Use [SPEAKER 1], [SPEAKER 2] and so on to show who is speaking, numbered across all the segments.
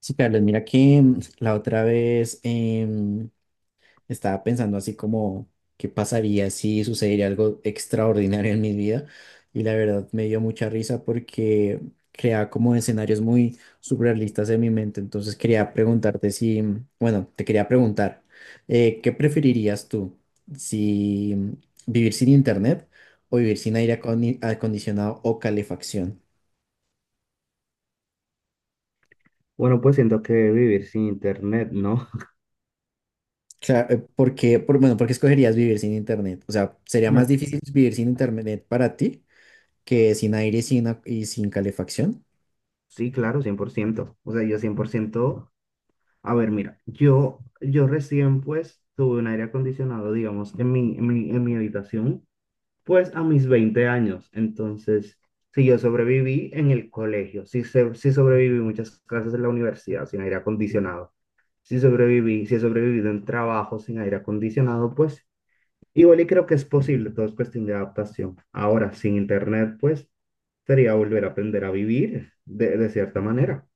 [SPEAKER 1] Sí, Carlos, mira que la otra vez estaba pensando así como qué pasaría si sucediera algo extraordinario en mi vida, y la verdad me dio mucha risa porque creaba como escenarios muy surrealistas en mi mente. Entonces quería preguntarte si, bueno, te quería preguntar, ¿qué preferirías tú? ¿Si vivir sin internet o vivir sin aire acondicionado o calefacción?
[SPEAKER 2] Bueno, pues siento que vivir sin internet, ¿no?
[SPEAKER 1] Claro. ¿Por qué escogerías vivir sin internet? O sea, ¿sería más
[SPEAKER 2] No.
[SPEAKER 1] difícil vivir sin internet para ti que sin aire y sin calefacción?
[SPEAKER 2] Sí, claro, 100%. O sea, yo 100%. A ver, mira, yo recién pues tuve un aire acondicionado, digamos, en mi habitación, pues a mis 20 años. Entonces, si yo sobreviví en el colegio, si sobreviví muchas clases en la universidad sin aire acondicionado, si he sobrevivido en trabajo sin aire acondicionado, pues igual y creo que es posible, todo es cuestión de adaptación. Ahora, sin internet, pues sería volver a aprender a vivir de cierta manera.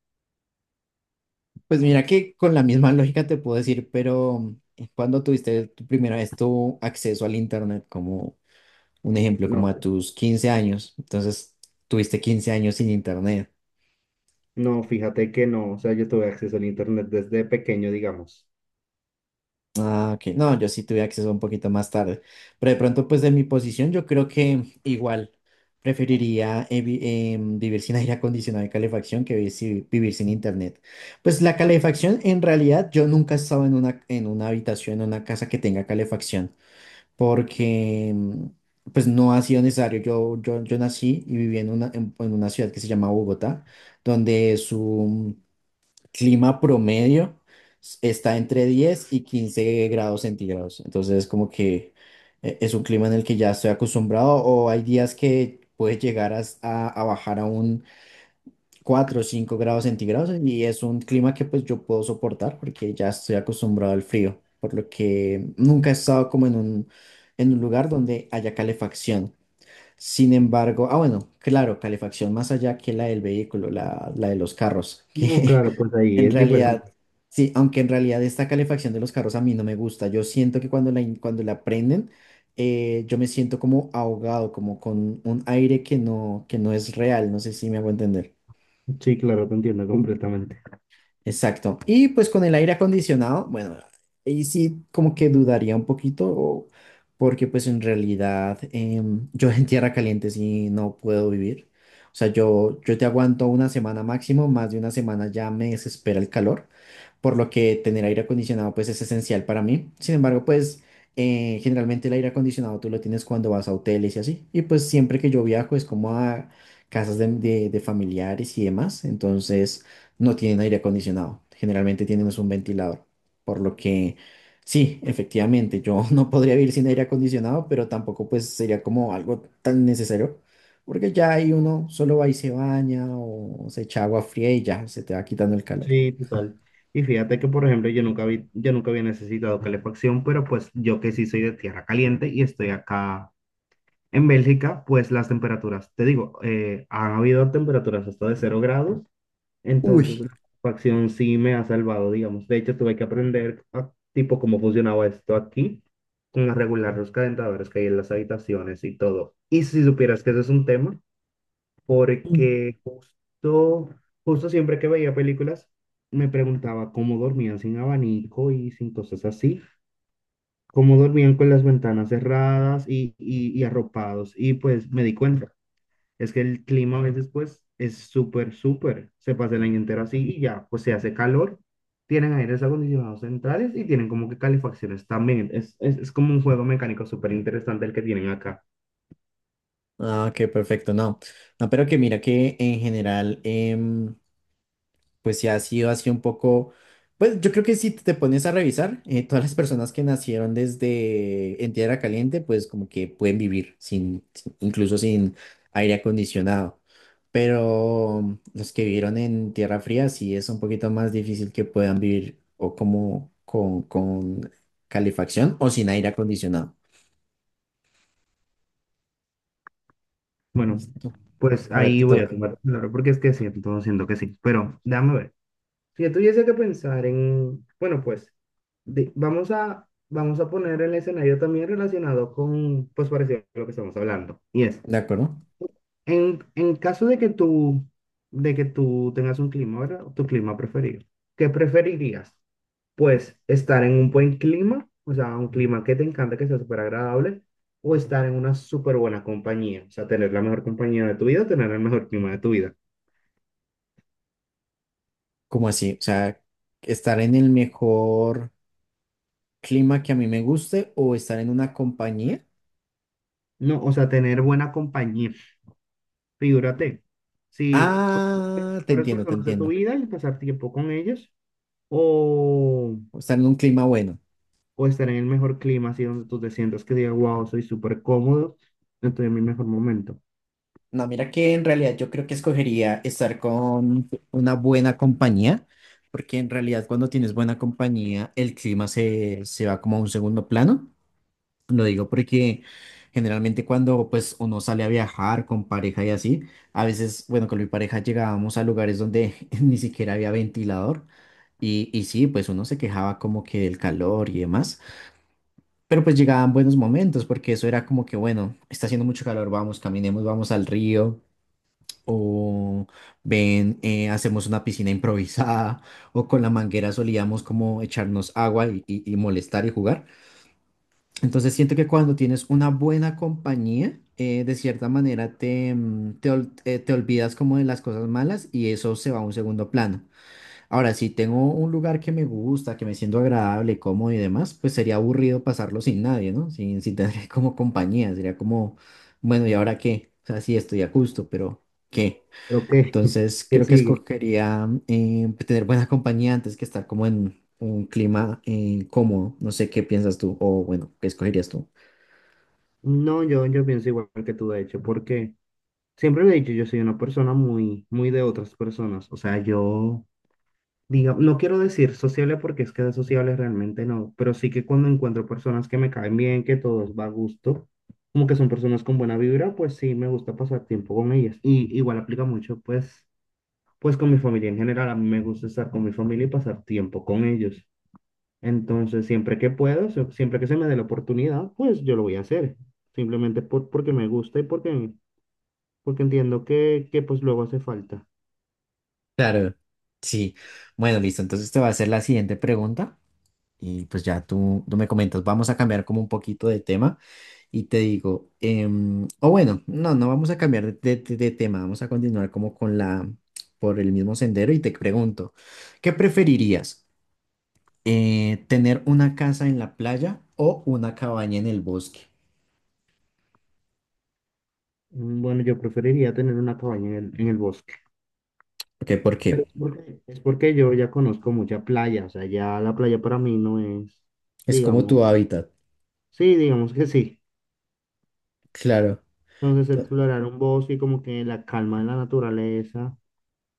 [SPEAKER 1] Pues mira que con la misma lógica te puedo decir, pero cuando tuviste tu primera vez tu acceso al internet, como un ejemplo, como
[SPEAKER 2] No,
[SPEAKER 1] a tus 15 años, entonces tuviste 15 años sin internet.
[SPEAKER 2] no, fíjate que no, o sea, yo tuve acceso al internet desde pequeño, digamos.
[SPEAKER 1] Ah, ok. No, yo sí tuve acceso un poquito más tarde. Pero de pronto, pues de mi posición, yo creo que igual preferiría vivir sin aire acondicionado y calefacción que vivir sin internet. Pues la calefacción, en realidad, yo nunca he estado en en una habitación, en una casa que tenga calefacción, porque pues no ha sido necesario. Yo nací y viví en una ciudad que se llama Bogotá, donde su clima promedio está entre 10 y 15 grados centígrados. Entonces, como que es un clima en el que ya estoy acostumbrado, o hay días que puede llegar a bajar a un 4 o 5 grados centígrados, y es un clima que pues yo puedo soportar porque ya estoy acostumbrado al frío, por lo que nunca he estado como en en un lugar donde haya calefacción. Sin embargo, bueno, claro, calefacción más allá que la del vehículo, la de los carros,
[SPEAKER 2] No,
[SPEAKER 1] que
[SPEAKER 2] claro, pues ahí
[SPEAKER 1] en
[SPEAKER 2] es diferente.
[SPEAKER 1] realidad, sí, aunque en realidad esta calefacción de los carros a mí no me gusta. Yo siento que cuando cuando la prenden, yo me siento como ahogado, como con un aire que no es real. No sé si me hago entender.
[SPEAKER 2] Sí, claro, te entiendo completamente.
[SPEAKER 1] Exacto. Y pues con el aire acondicionado, bueno, ahí sí como que dudaría un poquito, porque pues en realidad yo en tierra caliente sí no puedo vivir. O sea, yo te aguanto una semana máximo, más de una semana ya me desespera el calor, por lo que tener aire acondicionado pues es esencial para mí. Sin embargo, pues generalmente el aire acondicionado tú lo tienes cuando vas a hoteles y así. Y pues siempre que yo viajo es como a casas de familiares y demás. Entonces no tienen aire acondicionado, generalmente tienen es un ventilador, por lo que sí, efectivamente, yo no podría vivir sin aire acondicionado, pero tampoco pues sería como algo tan necesario, porque ya ahí uno solo va y se baña o se echa agua fría y ya se te va quitando el calor.
[SPEAKER 2] Sí, total. Y fíjate que, por ejemplo, yo nunca había necesitado calefacción, pero pues yo que sí soy de tierra caliente y estoy acá en Bélgica, pues las temperaturas, te digo, han habido temperaturas hasta de 0 grados. Entonces,
[SPEAKER 1] Uy.
[SPEAKER 2] la facción sí me ha salvado, digamos. De hecho, tuve que aprender a, tipo cómo funcionaba esto aquí, con regular los calentadores que hay en las habitaciones y todo. Y si supieras que ese es un tema,
[SPEAKER 1] Mm.
[SPEAKER 2] porque justo siempre que veía películas, me preguntaba cómo dormían sin abanico y sin cosas así, cómo dormían con las ventanas cerradas y arropados. Y pues me di cuenta. Es que el clima a veces pues es súper, súper. Se pasa el año entero así y ya, pues se hace calor. Tienen aires acondicionados centrales y tienen como que calefacciones también. Es como un juego mecánico súper interesante el que tienen acá.
[SPEAKER 1] Ah, qué perfecto, no. No, pero que mira que en general, pues sí ha sido así un poco, pues yo creo que si te pones a revisar, todas las personas que nacieron desde en tierra caliente, pues como que pueden vivir incluso sin aire acondicionado. Pero los que vivieron en tierra fría sí es un poquito más difícil que puedan vivir o como con calefacción o sin aire acondicionado.
[SPEAKER 2] Bueno,
[SPEAKER 1] Listo.
[SPEAKER 2] pues
[SPEAKER 1] Ahora
[SPEAKER 2] ahí
[SPEAKER 1] te
[SPEAKER 2] voy a
[SPEAKER 1] toca.
[SPEAKER 2] tomar claro, porque es que siento que sí. Pero déjame ver. Si yo tuviese que pensar en, bueno, pues vamos a poner el escenario también relacionado con, pues parecido a lo que estamos hablando. Y es,
[SPEAKER 1] ¿De acuerdo?
[SPEAKER 2] en caso de que de que tú tengas un clima, ¿verdad? Tu clima preferido. ¿Qué preferirías? Pues estar en un buen clima, o sea, un clima que te encanta, que sea súper agradable, o estar en una súper buena compañía, o sea, tener la mejor compañía de tu vida, tener el mejor clima de tu vida.
[SPEAKER 1] ¿Como así? O sea, estar en el mejor clima que a mí me guste o estar en una compañía.
[SPEAKER 2] No, o sea, tener buena compañía. Figúrate, si con las
[SPEAKER 1] Ah, te
[SPEAKER 2] mejores
[SPEAKER 1] entiendo, te
[SPEAKER 2] personas de tu
[SPEAKER 1] entiendo.
[SPEAKER 2] vida y pasar tiempo con ellos, o
[SPEAKER 1] O estar en un clima bueno.
[SPEAKER 2] o estar en el mejor clima, así donde tú te sientas que digas, wow, soy súper cómodo, estoy en mi mejor momento.
[SPEAKER 1] No, mira que en realidad yo creo que escogería estar con una buena compañía, porque en realidad cuando tienes buena compañía, el clima se va como a un segundo plano. Lo digo porque generalmente cuando pues uno sale a viajar con pareja y así, a veces, bueno, con mi pareja llegábamos a lugares donde ni siquiera había ventilador y sí, pues uno se quejaba como que del calor y demás, pero pues llegaban buenos momentos porque eso era como que, bueno, está haciendo mucho calor, vamos, caminemos, vamos al río o ven, hacemos una piscina improvisada o con la manguera solíamos como echarnos agua y molestar y jugar. Entonces siento que cuando tienes una buena compañía, de cierta manera te, mm, te, ol- te olvidas como de las cosas malas y eso se va a un segundo plano. Ahora, si tengo un lugar que me gusta, que me siento agradable, cómodo y demás, pues sería aburrido pasarlo sin nadie, ¿no? Sin tener como compañía, sería como, bueno, ¿y ahora qué? O sea, sí estoy a gusto, pero ¿qué?
[SPEAKER 2] Pero ¿qué?
[SPEAKER 1] Entonces
[SPEAKER 2] ¿Qué
[SPEAKER 1] creo que
[SPEAKER 2] sigue?
[SPEAKER 1] escogería tener buena compañía antes que estar como en un clima cómodo. No sé qué piensas tú o bueno, ¿qué escogerías tú?
[SPEAKER 2] No, yo pienso igual que tú, de hecho, porque siempre lo he dicho, yo soy una persona muy, muy de otras personas. O sea, yo, diga, no quiero decir sociable porque es que de sociable realmente no, pero sí que cuando encuentro personas que me caen bien, que todos va a gusto, como que son personas con buena vibra, pues sí, me gusta pasar tiempo con ellas. Y igual aplica mucho, pues con mi familia en general, a mí me gusta estar con mi familia y pasar tiempo con ellos. Entonces, siempre que se me dé la oportunidad, pues yo lo voy a hacer. Simplemente porque me gusta y porque entiendo que pues luego hace falta.
[SPEAKER 1] Claro, sí. Bueno, listo. Entonces te voy a hacer la siguiente pregunta y pues ya tú me comentas. Vamos a cambiar como un poquito de tema y te digo, o bueno, no, no vamos a cambiar de tema. Vamos a continuar por el mismo sendero y te pregunto, ¿qué preferirías? ¿Tener una casa en la playa o una cabaña en el bosque?
[SPEAKER 2] Mm, bueno, yo preferiría tener una cabaña en en el bosque.
[SPEAKER 1] Ok, ¿por
[SPEAKER 2] Pero
[SPEAKER 1] qué?
[SPEAKER 2] es porque yo ya conozco mucha playa. O sea, ya la playa para mí no es,
[SPEAKER 1] Es como
[SPEAKER 2] digamos,
[SPEAKER 1] tu hábitat.
[SPEAKER 2] sí, digamos que sí.
[SPEAKER 1] Claro.
[SPEAKER 2] Entonces,
[SPEAKER 1] to-
[SPEAKER 2] explorar un bosque y como que la calma de la naturaleza.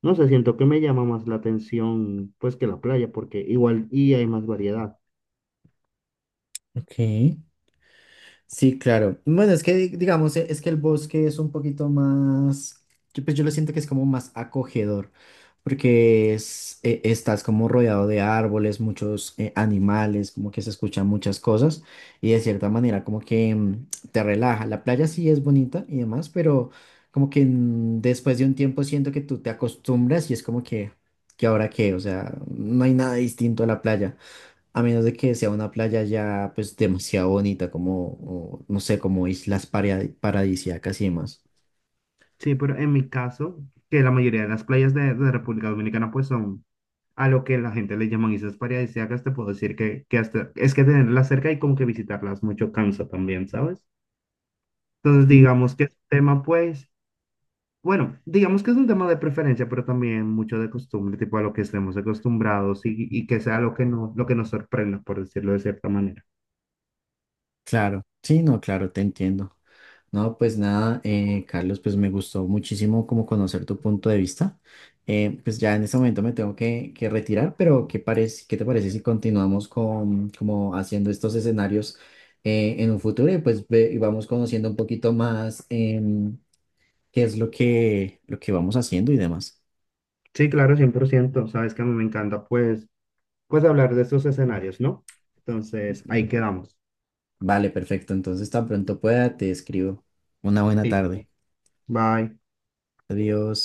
[SPEAKER 2] No sé, siento que me llama más la atención pues que la playa, porque igual y hay más variedad.
[SPEAKER 1] Ok. Sí, claro. Bueno, es que digamos, es que el bosque es un poquito más, pues yo lo siento que es como más acogedor, porque estás como rodeado de árboles, muchos animales, como que se escuchan muchas cosas y de cierta manera como que te relaja. La playa sí es bonita y demás, pero como que después de un tiempo siento que tú te acostumbras y es como ¿que ahora qué? O sea, no hay nada distinto a la playa. A menos de que sea una playa ya pues demasiado bonita como, o, no sé, como islas paradisíacas y demás.
[SPEAKER 2] Sí, pero en mi caso, que la mayoría de las playas de República Dominicana pues son a lo que la gente le llaman islas paradisíacas, te puedo decir que hasta es que tenerlas cerca y como que visitarlas mucho cansa también, ¿sabes? Entonces
[SPEAKER 1] Mm.
[SPEAKER 2] digamos que es un tema pues, bueno, digamos que es un tema de preferencia, pero también mucho de costumbre, tipo a lo que estemos acostumbrados y que sea lo que no, lo que nos sorprenda, por decirlo de cierta manera.
[SPEAKER 1] Claro, sí, no, claro, te entiendo. No, pues nada, Carlos, pues me gustó muchísimo como conocer tu punto de vista. Pues ya en este momento me tengo que retirar, pero ¿qué te parece si continuamos con como haciendo estos escenarios en un futuro y pues y vamos conociendo un poquito más qué es lo que vamos haciendo y demás?
[SPEAKER 2] Sí, claro, 100%. Sabes que a mí me encanta, pues, pues hablar de estos escenarios, ¿no? Entonces, ahí quedamos.
[SPEAKER 1] Vale, perfecto. Entonces, tan pronto pueda, te escribo. Una buena tarde.
[SPEAKER 2] Listo. Bye.
[SPEAKER 1] Adiós.